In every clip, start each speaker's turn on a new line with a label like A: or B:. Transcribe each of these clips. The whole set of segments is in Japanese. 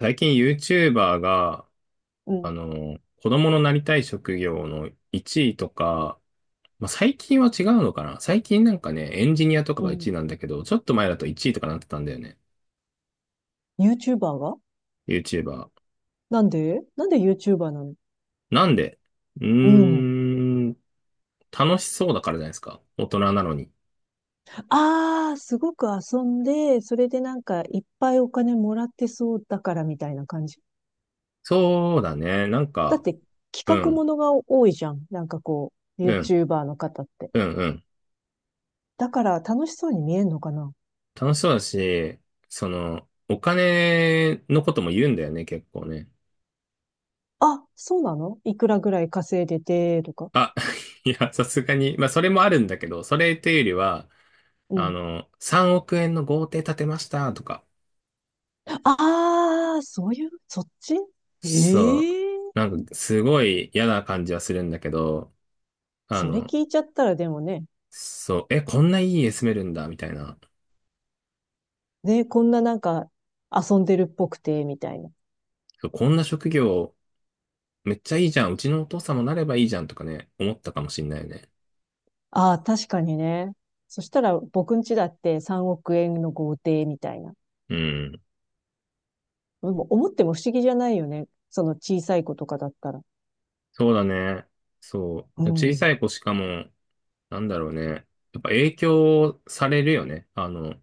A: 最近 YouTuber が、
B: うん、
A: 子供のなりたい職業の1位とか、まあ、最近は違うのかな。最近なんかね、エンジニアとか
B: う
A: が1位
B: ん。
A: なんだけど、ちょっと前だと1位とかなってたんだよね。
B: YouTuber が
A: YouTuber。
B: なんで YouTuber なの？
A: なんでう
B: う
A: ー
B: ん。
A: ん、楽しそうだからじゃないですか。大人なのに。
B: ああ、すごく遊んで、それでなんかいっぱいお金もらってそうだからみたいな感じ。
A: そうだね。なん
B: だっ
A: か、
B: て
A: う
B: 企画も
A: ん、
B: のが多いじゃん。なんかこう、
A: うん、
B: YouTuber の方って。
A: うん、うん。
B: だから楽しそうに見えんのかな？
A: 楽しそうだし、その、お金のことも言うんだよね、結構ね。
B: あ、そうなの？いくらぐらい稼いでて、とか。
A: あ、いや、さすがに、まあ、それもあるんだけど、それというよりは、
B: うん。
A: 3億円の豪邸建てましたとか、
B: ああ、そういう、そっち？
A: そう、
B: ええー、
A: なんか、すごい嫌な感じはするんだけど、あ
B: それ
A: の、
B: 聞いちゃったらでもね、
A: そう、え、こんないい家住めるんだ、みたいな、
B: ね、こんななんか遊んでるっぽくて、みたいな。
A: そうこんな職業、めっちゃいいじゃん、うちのお父さんもなればいいじゃんとかね、思ったかもしんないよね。
B: ああ、確かにね。そしたら僕ん家だって3億円の豪邸みたいな。
A: うん、
B: でも思っても不思議じゃないよね。その小さい子とかだったら。
A: そうだね。そ
B: う
A: う、小
B: ん。
A: さい子しかも、なんだろうね、やっぱ影響されるよね。あの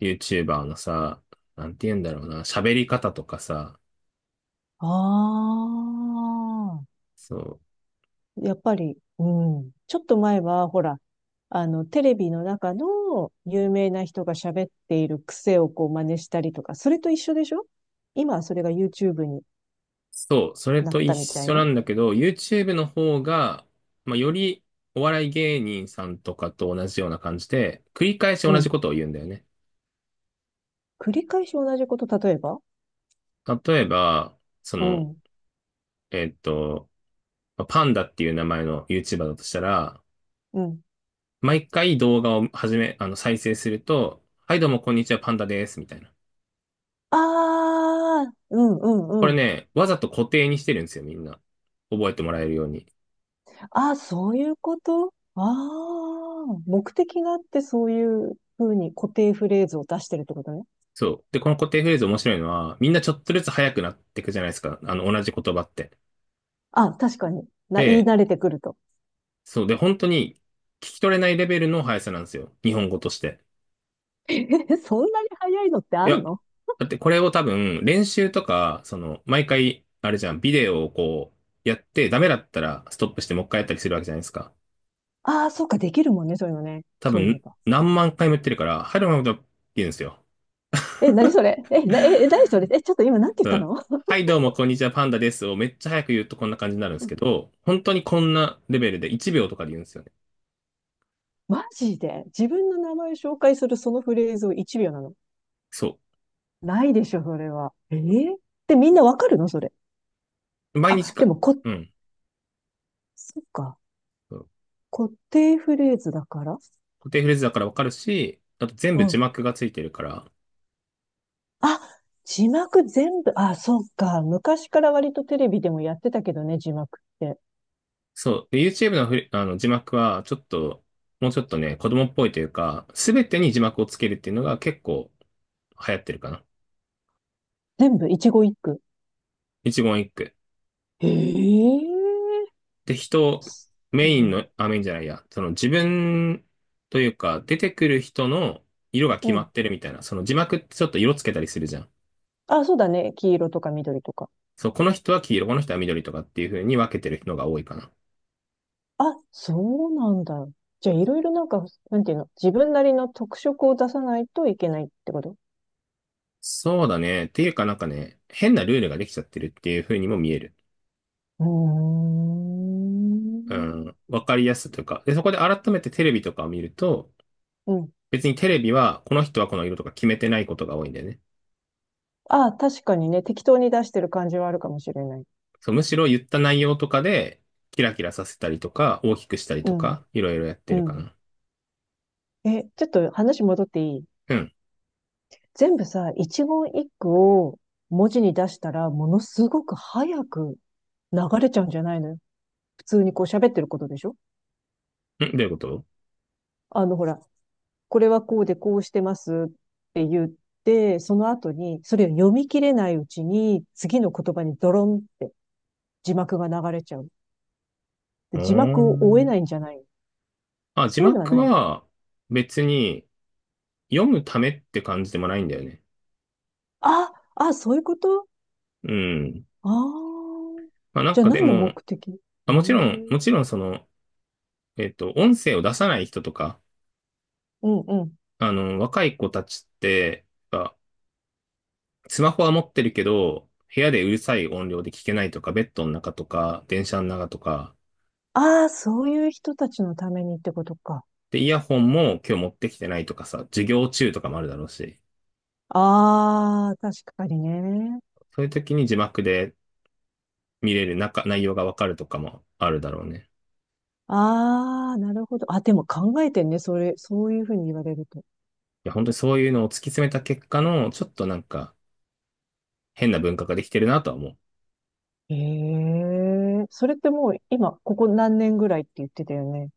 A: YouTuber のさ、なんて言うんだろうな、喋り方とかさ、
B: ああ、
A: そう、
B: やっぱり、うん。ちょっと前は、ほら、テレビの中の有名な人が喋っている癖をこう真似したりとか、それと一緒でしょ？今はそれが YouTube に
A: そう、それ
B: なっ
A: と一
B: たみたい
A: 緒な
B: な。
A: んだけど、YouTube の方が、まあ、より、お笑い芸人さんとかと同じような感じで、繰り返し
B: う
A: 同じ
B: ん。
A: ことを言うんだよね。
B: 繰り返し同じこと、例えば？
A: 例えば、そ
B: う
A: の、
B: ん、
A: えっと、まあパンダっていう名前の YouTuber だとしたら、
B: うん。
A: 毎回動画を始め、再生すると、はい、どうも、こんにちは、パンダです、みたいな。
B: ああ、うん、う
A: こ
B: ん、う
A: れ
B: ん。
A: ね、わざと固定にしてるんですよ、みんな。覚えてもらえるように。
B: ああ、そういうこと？ああ、目的があってそういうふうに固定フレーズを出してるってことね。
A: そう。で、この固定フレーズ面白いのは、みんなちょっとずつ速くなっていくじゃないですか。あの、同じ言葉って。
B: あ、確かに。言い
A: で、
B: 慣れてくると。
A: そう。で、本当に聞き取れないレベルの速さなんですよ。日本語として。
B: え、そんなに早いのって
A: い
B: あん
A: や、
B: の？
A: だってこれを多分、練習とか、その、毎回、あれじゃん、ビデオをこう、やって、ダメだったらストップしてもう一回やったりするわけじゃないですか。
B: ああ、そうか、できるもんね、そういうのね。
A: 多
B: そういえ
A: 分、
B: ば。
A: 何万回もやってるから、はい、どうもどうもって言うんですよ。
B: え、何 それえ、な、え、え何それえ、ちょっと今なんて言っ
A: う
B: た
A: ん。
B: の？
A: はい、どうも、こんにちは、パンダですをめっちゃ早く言うとこんな感じになるんですけど、本当にこんなレベルで1秒とかで言うんですよね。
B: マジで自分の名前を紹介するそのフレーズを1秒なの？
A: そ
B: ないでしょ、それは。ええ。で、みんなわかるの？それ。
A: う。毎日
B: あ、で
A: か、
B: も
A: うん。
B: そっか。
A: そう。
B: 固定フレーズだから。
A: 固定フレーズだからわかるし、あと全部
B: う
A: 字
B: ん。
A: 幕がついてるから、
B: あ、字幕全部、あ、そっか。昔から割とテレビでもやってたけどね、字幕って。
A: そう。で YouTube のあの字幕は、ちょっと、もうちょっとね、子供っぽいというか、すべてに字幕をつけるっていうのが結構流行ってるかな。
B: 全部、一語一句。
A: 一言一句。
B: ええ。
A: で、人、
B: う
A: メインの、
B: ん。
A: あ、メインじゃないや、その自分というか、出てくる人の色が決
B: う
A: ま
B: ん。
A: ってるみたいな、その字幕ってちょっと色つけたりするじゃん。
B: あ、そうだね。黄色とか緑とか。
A: そう、この人は黄色、この人は緑とかっていう風に分けてる人が多いかな。
B: あ、そうなんだ。じゃあ、いろいろなんか、なんていうの、自分なりの特色を出さないといけないってこと？
A: そうだね。っていうかなんかね、変なルールができちゃってるっていう風にも見える。
B: うー
A: う
B: ん。
A: ん、わかりやすさというか。で、そこで改めてテレビとかを見ると、
B: うん。
A: 別にテレビはこの人はこの色とか決めてないことが多いんだよね。
B: ああ、確かにね、適当に出してる感じはあるかもしれない。
A: そう、むしろ言った内容とかで、キラキラさせたりとか、大きくしたり
B: う
A: と
B: ん、
A: か、いろいろやって
B: う
A: るか
B: ん。
A: な。
B: え、ちょっと話戻っていい？
A: うん。
B: 全部さ、一言一句を文字に出したら、ものすごく早く流れちゃうんじゃないのよ。普通にこう喋ってることでしょ？
A: うん、どういうこと？
B: ほら、これはこうでこうしてますって言って、その後に、それを読み切れないうちに、次の言葉にドロンって字幕が流れちゃう。で
A: お
B: 字幕を追えないん
A: ー、
B: じゃないの？
A: あ、字
B: そういうのは
A: 幕
B: ない？
A: は別に読むためって感じでもないんだよね。
B: あ、あ、そういうこと？
A: うん。
B: ああ。
A: まあなん
B: じゃあ
A: かで
B: 何の
A: も、
B: 目的？え
A: あ、
B: え、
A: もちろん、
B: う
A: もちろんその、音声を出さない人とか、
B: んうん。
A: あの、若い子たちって、あスマホは持ってるけど、部屋でうるさい音量で聞けないとか、ベッドの中とか、電車の中とか、
B: ああ、そういう人たちのためにってことか。
A: で、イヤホンも今日持ってきてないとかさ、授業中とかもあるだろうし、
B: ああ、確かにね。
A: そういう時に字幕で見れる中、内容がわかるとかもあるだろうね。
B: ああ、なるほど。あ、でも考えてんね。それ、そういうふうに言われると。
A: いや、本当にそういうのを突き詰めた結果の、ちょっとなんか変な文化ができてるなとは思う。
B: ええ、それってもう今、ここ何年ぐらいって言ってたよね？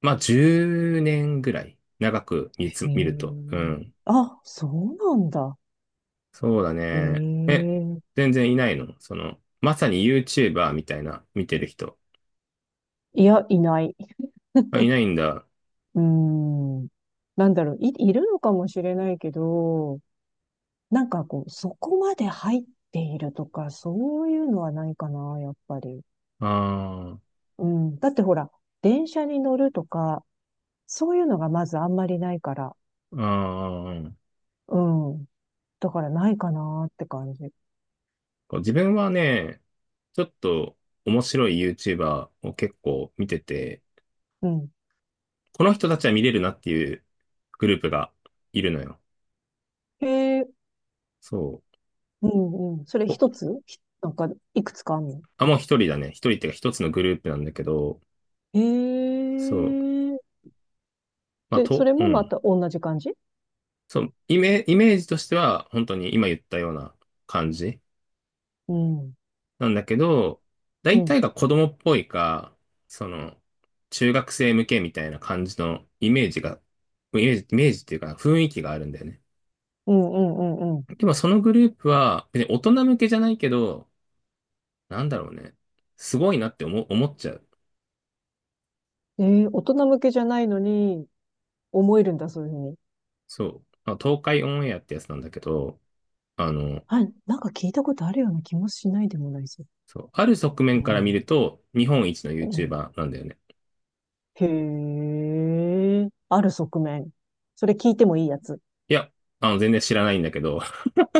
A: まあ、10年ぐらい長く
B: え
A: 見ると。う
B: え、
A: ん。
B: あ、そうなんだ。
A: そうだね。え、
B: ええ、
A: 全然いないのその、まさに YouTuber みたいな見てる人。
B: いや、いない。
A: あ、いないんだ。
B: うーん。なんだろう、いるのかもしれないけど、なんかこう、そこまで入っているとか、そういうのはないかな、やっぱり。
A: あ
B: うん。だってほら、電車に乗るとか、そういうのがまずあんまりないから。
A: あ、ああ、
B: うん。だからないかなって感じ。
A: こう自分はね、ちょっと面白い YouTuber を結構見てて、
B: うん。
A: この人たちは見れるなっていうグループがいるのよ。
B: へえ、
A: そ
B: うんうん。それ
A: う。お、
B: 一つなんか、いくつかあんの？
A: あ、もう一人だね。一人っていうか一つのグループなんだけど、
B: へ
A: そう。
B: え。
A: まあ、
B: で、そ
A: と、
B: れ
A: う
B: もま
A: ん。
B: た同じ感じ？
A: そう、イメージとしては本当に今言ったような感じ
B: うん。
A: なんだけど、
B: う
A: 大
B: ん。
A: 体が子供っぽいか、その、中学生向けみたいな感じのイメージが、イメージっていうか雰囲気があるんだよね。
B: うんうんうんう
A: でもそのグループは、別に大人向けじゃないけど、なんだろうね。すごいなって思っちゃう。
B: ん。大人向けじゃないのに、思えるんだ、そういうふうに。
A: そう。まあ東海オンエアってやつなんだけど、あの、
B: はい、なんか聞いたことあるような気もしないでもないですよ。
A: そう。ある側面
B: う
A: から見
B: ん。
A: ると、日本一の
B: うん。
A: YouTuber なんだよね。
B: へえ、ある側面？それ聞いてもいいやつ？
A: いや、あの、全然知らないんだけど、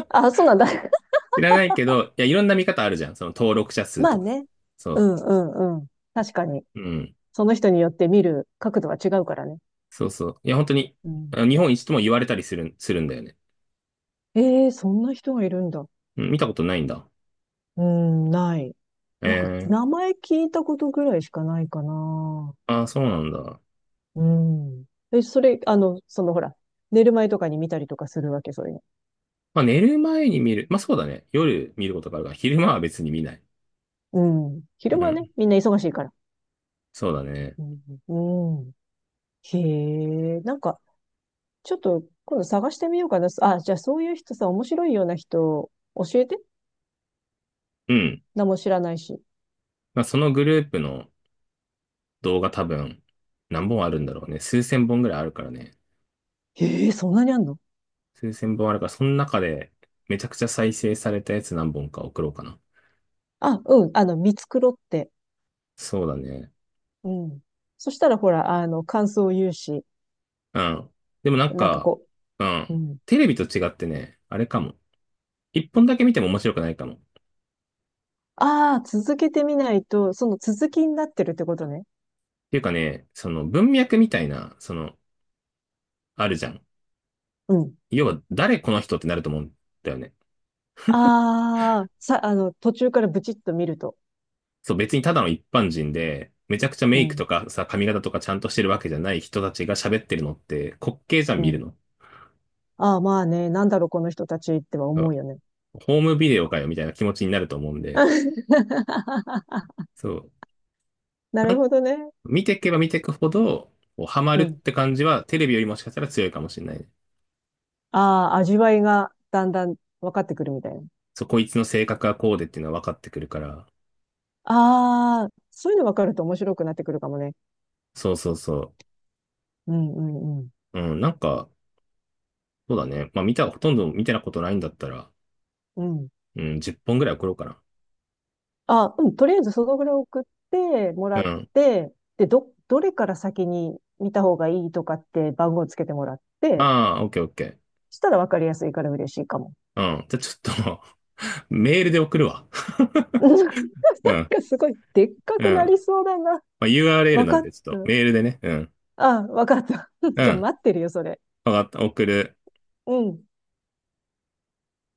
B: あ、そうなんだ。
A: 知らないけど、いや、いろんな見方あるじゃん。その登録者数
B: ま
A: と
B: あ
A: か。
B: ね。う
A: そ
B: んうんうん。確かに。
A: う。うん。
B: その人によって見る角度は違うからね。
A: そうそう。いや、本当に、
B: うん。
A: あの日本一とも言われたりするんだよね。
B: ええ、そんな人がいるんだ。
A: うん、見たことないんだ。
B: うん、ない。なんか、
A: え
B: 名前聞いたことぐらいしかないかな。
A: ー、ああ、そうなんだ。
B: うん。え、それ、そのほら、寝る前とかに見たりとかするわけ、そういうの。
A: まあ寝る前に見る。まあそうだね。夜見ることがあるから、昼間は別に見ない。
B: うん。
A: う
B: 昼間ね、
A: ん。
B: みんな忙しいから。
A: そうだね。
B: うん。うん。へえ、なんか、ちょっと今度探してみようかな。あ、じゃあそういう人さ、面白いような人、教えて。
A: うん。
B: 何も知らないし。
A: まあそのグループの動画多分何本あるんだろうね。数千本ぐらいあるからね。
B: へえ、そんなにあんの？
A: 数千本あるから、その中でめちゃくちゃ再生されたやつ何本か送ろうかな。
B: あ、うん、見繕って。
A: そうだね。
B: うん。そしたらほら、感想を言うし、
A: うん。でもなん
B: なんか
A: か、
B: こ
A: うん。
B: う、うん。
A: テレビと違ってね、あれかも。一本だけ見ても面白くないかも。っ
B: ああ、続けてみないと、その続きになってるってことね。
A: ていうかね、その文脈みたいな、その、あるじゃん。
B: うん。
A: 要は誰この人ってなると思うんだよね。
B: ああ、さ、あの、途中からブチッと見ると。
A: そう、別にただの一般人で、めちゃくちゃ
B: う
A: メイクと
B: ん。
A: かさ、髪型とかちゃんとしてるわけじゃない人たちが喋ってるのって滑稽じゃん
B: う
A: 見る
B: ん。
A: の。
B: ああ、まあね、なんだろう、この人たちっては
A: そ
B: 思
A: う
B: うよね。
A: ホームビデオかよみたいな気持ちになると思うんで、そう。
B: な
A: な
B: る
A: ん
B: ほどね。
A: 見ていけば見ていくほど、こうハマ
B: う
A: るっ
B: ん。
A: て感じはテレビよりもしかしたら強いかもしれないね。
B: ああ、味わいがだんだん分かってくるみたいな。
A: そう、こいつの性格はこうでっていうのは分かってくるから。
B: ああ、そういうの分かると面白くなってくるかもね。
A: そうそうそ
B: うん、うん、うん。
A: う。うん、なんか、そうだね。まあ見た、ほとんど見てなことないんだったら、
B: うん。
A: うん、10本ぐらい送ろうかな。
B: あ、うん、とりあえずそのぐらい送っても
A: う
B: らっ
A: ん。
B: て、で、どれから先に見た方がいいとかって番号つけてもらって、
A: ああ、オッケーオッケー。
B: したら分かりやすいから嬉しいかも。
A: うん。じゃあちょっと メールで送るわ。
B: う ん。なん
A: うん。
B: かすごいでっか
A: うん。
B: くな
A: ま
B: りそうだな。
A: あ、URL
B: 分
A: な
B: か
A: ん
B: っ
A: で、ちょっと
B: た。
A: メールでね。うん。
B: あ、分かった。
A: う
B: じゃあ
A: ん。
B: 待ってるよ、それ。
A: わかった。送る。
B: うん。